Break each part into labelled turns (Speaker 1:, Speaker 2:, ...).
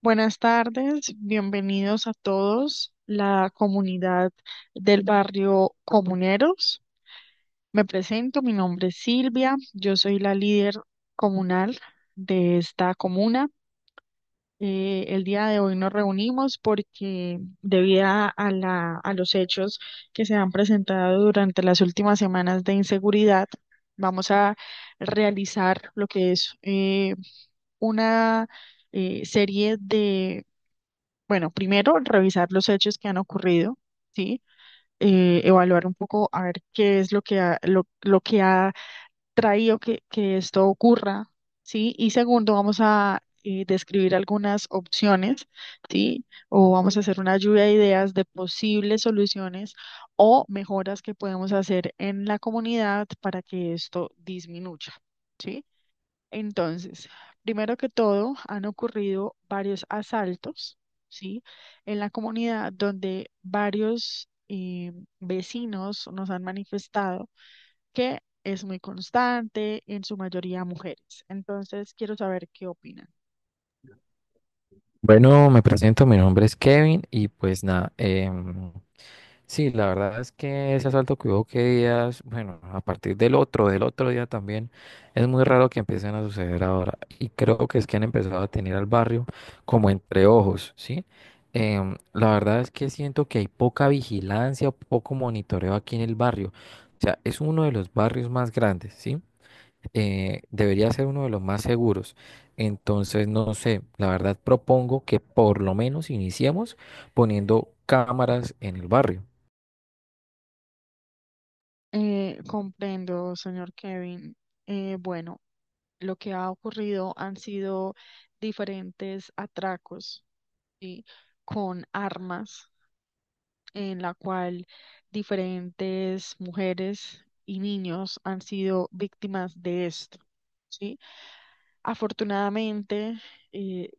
Speaker 1: Buenas tardes, bienvenidos a todos, la comunidad del barrio Comuneros. Me presento, mi nombre es Silvia, yo soy la líder comunal de esta comuna. El día de hoy nos reunimos porque debido a los hechos que se han presentado durante las últimas semanas de inseguridad, vamos a realizar lo que es una serie de, bueno, primero revisar los hechos que han ocurrido, ¿sí? Evaluar un poco a ver qué es lo que ha traído que esto ocurra, ¿sí? Y segundo, vamos a describir algunas opciones, ¿sí? O vamos a hacer una lluvia de ideas de posibles soluciones o mejoras que podemos hacer en la comunidad para que esto disminuya, ¿sí? Entonces, primero que todo, han ocurrido varios asaltos, ¿sí? En la comunidad donde varios vecinos nos han manifestado que es muy constante, en su mayoría mujeres. Entonces, quiero saber qué opinan.
Speaker 2: Bueno, me presento, mi nombre es Kevin y pues nada, sí, la verdad es que ese asalto que hubo que días, bueno, a partir del otro día también, es muy raro que empiecen a suceder ahora y creo que es que han empezado a tener al barrio como entre ojos, ¿sí? La verdad es que siento que hay poca vigilancia, poco monitoreo aquí en el barrio, o sea, es uno de los barrios más grandes, ¿sí? Debería ser uno de los más seguros. Entonces, no sé, la verdad propongo que por lo menos iniciemos poniendo cámaras en el barrio.
Speaker 1: Comprendo, señor Kevin. Bueno, lo que ha ocurrido han sido diferentes atracos, ¿sí? Con armas en la cual diferentes mujeres y niños han sido víctimas de esto, ¿sí? Afortunadamente, eh,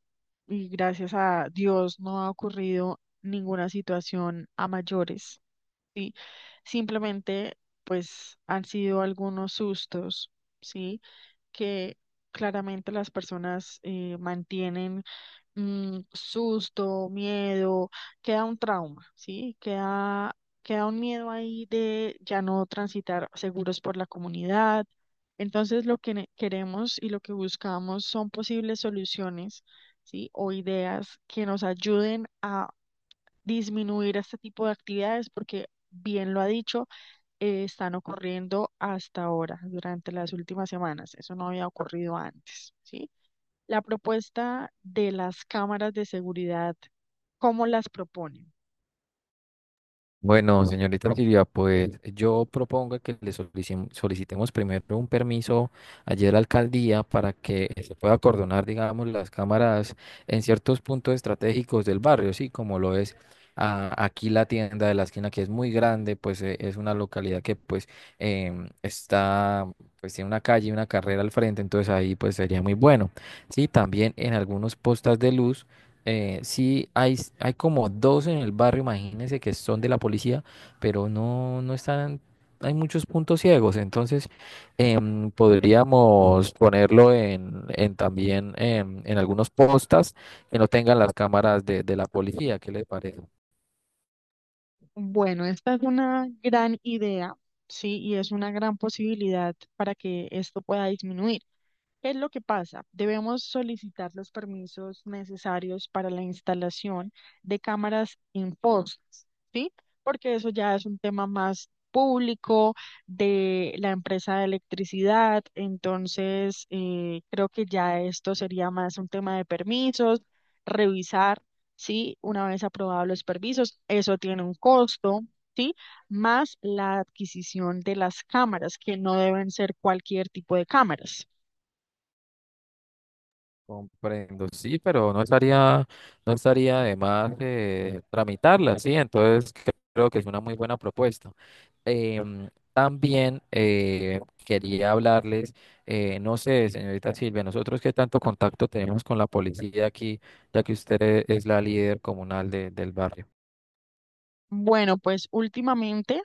Speaker 1: y gracias a Dios, no ha ocurrido ninguna situación a mayores. Sí, simplemente pues han sido algunos sustos, ¿sí? Que claramente las personas mantienen susto, miedo, queda un trauma, ¿sí? Queda un miedo ahí de ya no transitar seguros por la comunidad. Entonces lo que queremos y lo que buscamos son posibles soluciones, ¿sí? O ideas que nos ayuden a disminuir este tipo de actividades, porque bien lo ha dicho, están ocurriendo hasta ahora, durante las últimas semanas. Eso no había ocurrido antes, ¿sí? La propuesta de las cámaras de seguridad, ¿cómo las proponen?
Speaker 2: Bueno, señorita Silvia, pues yo propongo que solicitemos primero un permiso allí a la alcaldía para que se pueda acordonar, digamos, las cámaras en ciertos puntos estratégicos del barrio, sí, como lo es aquí la tienda de la esquina que es muy grande, pues es una localidad que pues está, pues tiene una calle y una carrera al frente, entonces ahí pues sería muy bueno. Sí, también en algunos postas de luz. Sí, hay como dos en el barrio, imagínense que son de la policía, pero no están, hay muchos puntos ciegos, entonces podríamos ponerlo en también en algunos postas que no tengan las cámaras de la policía, ¿qué les parece?
Speaker 1: Bueno, esta es una gran idea, ¿sí? Y es una gran posibilidad para que esto pueda disminuir. ¿Qué es lo que pasa? Debemos solicitar los permisos necesarios para la instalación de cámaras en fosas, ¿sí? Porque eso ya es un tema más público de la empresa de electricidad, entonces creo que ya esto sería más un tema de permisos, revisar, ¿sí? Una vez aprobados los permisos, eso tiene un costo. ¿Sí? Más la adquisición de las cámaras, que no deben ser cualquier tipo de cámaras.
Speaker 2: Comprendo, sí, pero no estaría de más tramitarla, sí, entonces creo que es una muy buena propuesta. También quería hablarles, no sé, señorita Silvia, nosotros qué tanto contacto tenemos con la policía aquí, ya que es la líder comunal del barrio.
Speaker 1: Bueno, pues últimamente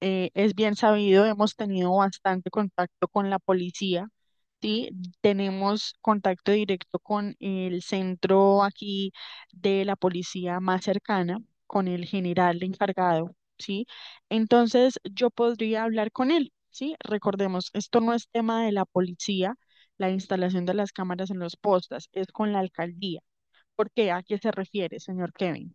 Speaker 1: es bien sabido, hemos tenido bastante contacto con la policía, ¿sí? Tenemos contacto directo con el centro aquí de la policía más cercana, con el general encargado, ¿sí? Entonces yo podría hablar con él, ¿sí? Recordemos, esto no es tema de la policía, la instalación de las cámaras en los postas, es con la alcaldía. ¿Por qué? ¿A qué se refiere, señor Kevin?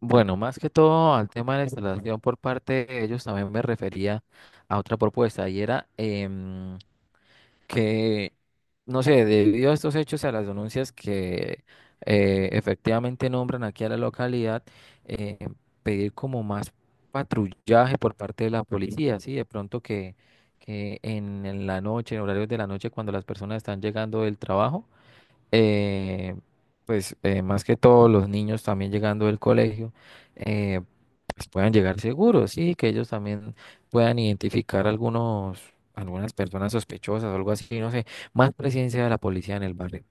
Speaker 2: Bueno, más que todo al tema de la instalación por parte de ellos, también me refería a otra propuesta y era que, no sé, debido a estos hechos y a las denuncias que efectivamente nombran aquí a la localidad, eh, pedir como más patrullaje por parte de la policía, ¿sí? De pronto que en la noche, en horarios de la noche, cuando las personas están llegando del trabajo, eh, pues más que todo los niños también llegando del colegio, eh, pues puedan llegar seguros, sí, que ellos también puedan identificar algunas personas sospechosas o algo así, no sé, más presencia de la policía en el barrio.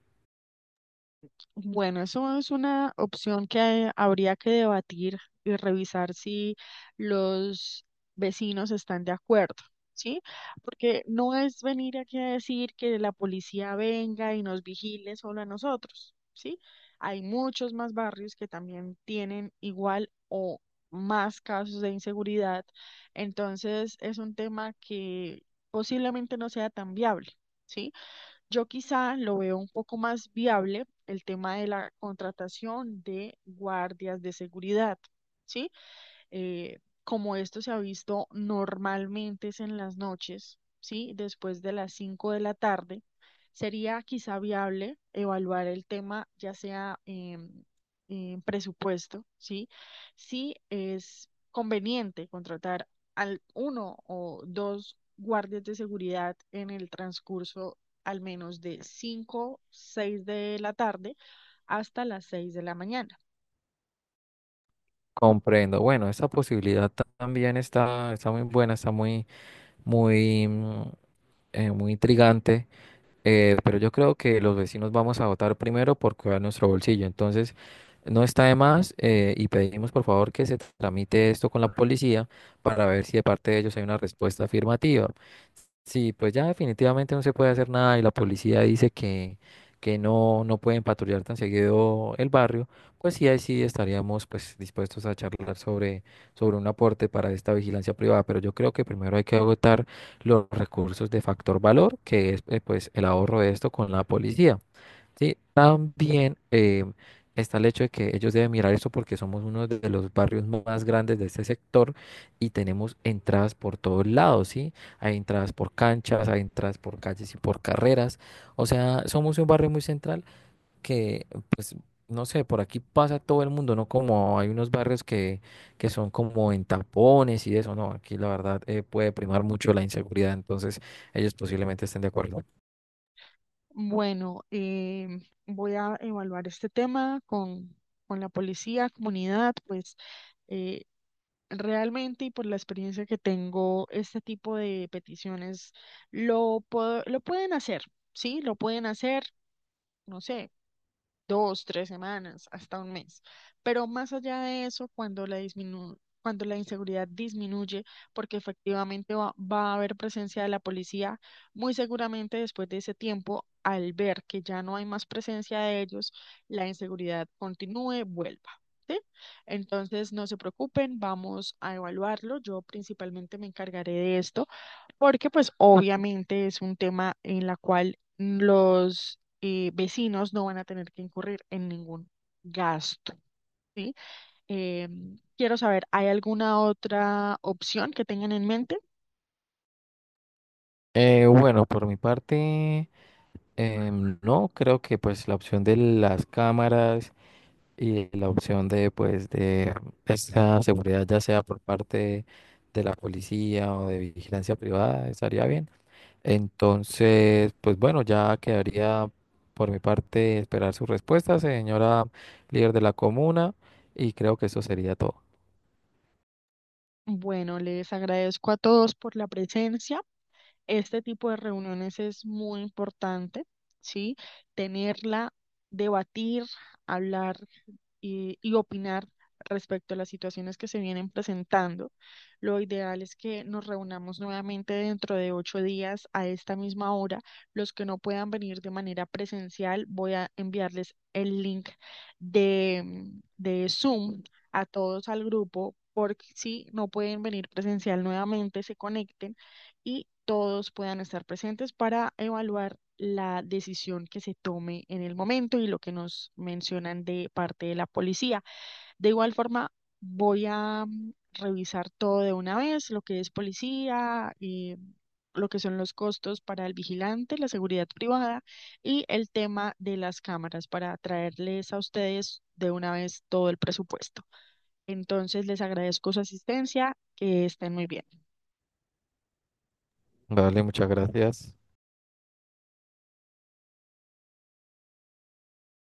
Speaker 1: Bueno, eso es una opción que habría que debatir y revisar si los vecinos están de acuerdo, ¿sí? Porque no es venir aquí a decir que la policía venga y nos vigile solo a nosotros, ¿sí? Hay muchos más barrios que también tienen igual o más casos de inseguridad, entonces es un tema que posiblemente no sea tan viable. ¿Sí? Yo quizá lo veo un poco más viable el tema de la contratación de guardias de seguridad, ¿sí? Como esto se ha visto normalmente es en las noches, ¿sí? Después de las 5 de la tarde, sería quizá viable evaluar el tema ya sea en, presupuesto, ¿sí? Si es conveniente contratar al uno o dos guardias de seguridad en el transcurso al menos de 5, 6 de la tarde hasta las 6 de la mañana.
Speaker 2: Comprendo. Bueno, esta también está, está muy buena, está muy, mm, muy intrigante. Pero yo creo que los vecinos vamos a votar primero por cuidar nuestro bolsillo. Entonces, no está de más y pedimos por favor que se tramite esto con la policía para ver si de parte de ellos hay una respuesta afirmativa. Sí, pues ya definitivamente no se puede hacer nada y la policía dice que no, no pueden patrullar tan seguido el barrio, pues sí, ahí sí estaríamos pues dispuestos a charlar sobre un aporte para esta vigilancia privada, pero yo creo que primero hay que agotar los recursos de factor valor, que es pues el ahorro de esto con la policía. Sí, también está el hecho de que ellos deben mirar eso porque somos uno de los barrios más grandes de este sector y tenemos entradas por todos lados, ¿sí? Hay entradas por canchas, hay entradas por calles y por carreras. O sea, somos un barrio muy central que, pues, no sé, por aquí pasa todo el mundo, no como hay unos barrios que son como en tapones y eso, no, aquí la verdad puede primar mucho la inseguridad, entonces ellos posiblemente estén de acuerdo.
Speaker 1: Bueno, voy a evaluar este tema con la policía, comunidad, pues eh, realmente y por la experiencia que tengo, este tipo de peticiones lo pueden hacer, ¿sí? Lo pueden hacer, no sé 2, 3 semanas, hasta un mes. Pero más allá de eso, cuando la inseguridad disminuye, porque efectivamente va a haber presencia de la policía, muy seguramente después de ese tiempo, al ver que ya no hay más presencia de ellos, la inseguridad continúe, vuelva. ¿Sí? Entonces, no se preocupen, vamos a evaluarlo. Yo principalmente me encargaré de esto. Porque pues obviamente es un tema en la cual los vecinos no van a tener que incurrir en ningún gasto, ¿sí? Eh, Quiero saber, ¿hay alguna otra opción que tengan en mente?
Speaker 2: Bueno, por mi parte... No, creo que pues la opción de las cámaras y la opción de pues de esta seguridad, ya sea por parte de la policía o de vigilancia privada, estaría bien. Entonces, pues bueno, ya quedaría por mi parte esperar su respuesta, señora líder de la comuna, y creo que eso sería todo.
Speaker 1: Bueno, les agradezco a todos por la presencia. Este tipo de reuniones es muy importante, ¿sí? Tenerla, debatir, hablar y opinar respecto a las situaciones que se vienen presentando. Lo ideal es que nos reunamos nuevamente dentro de 8 días a esta misma hora. Los que no puedan venir de manera presencial, voy a enviarles el link de Zoom a todos al grupo, porque si no pueden venir presencial nuevamente, se conecten y todos puedan estar presentes para evaluar la decisión que se tome en el momento y lo que nos mencionan de parte de la policía. De igual forma, voy a revisar todo de una vez, lo que es policía, lo que son los costos para el vigilante, la seguridad privada y el tema de las cámaras para traerles a ustedes de una vez todo el presupuesto. Entonces, les agradezco su asistencia, que estén muy bien.
Speaker 2: Vale, muchas gracias.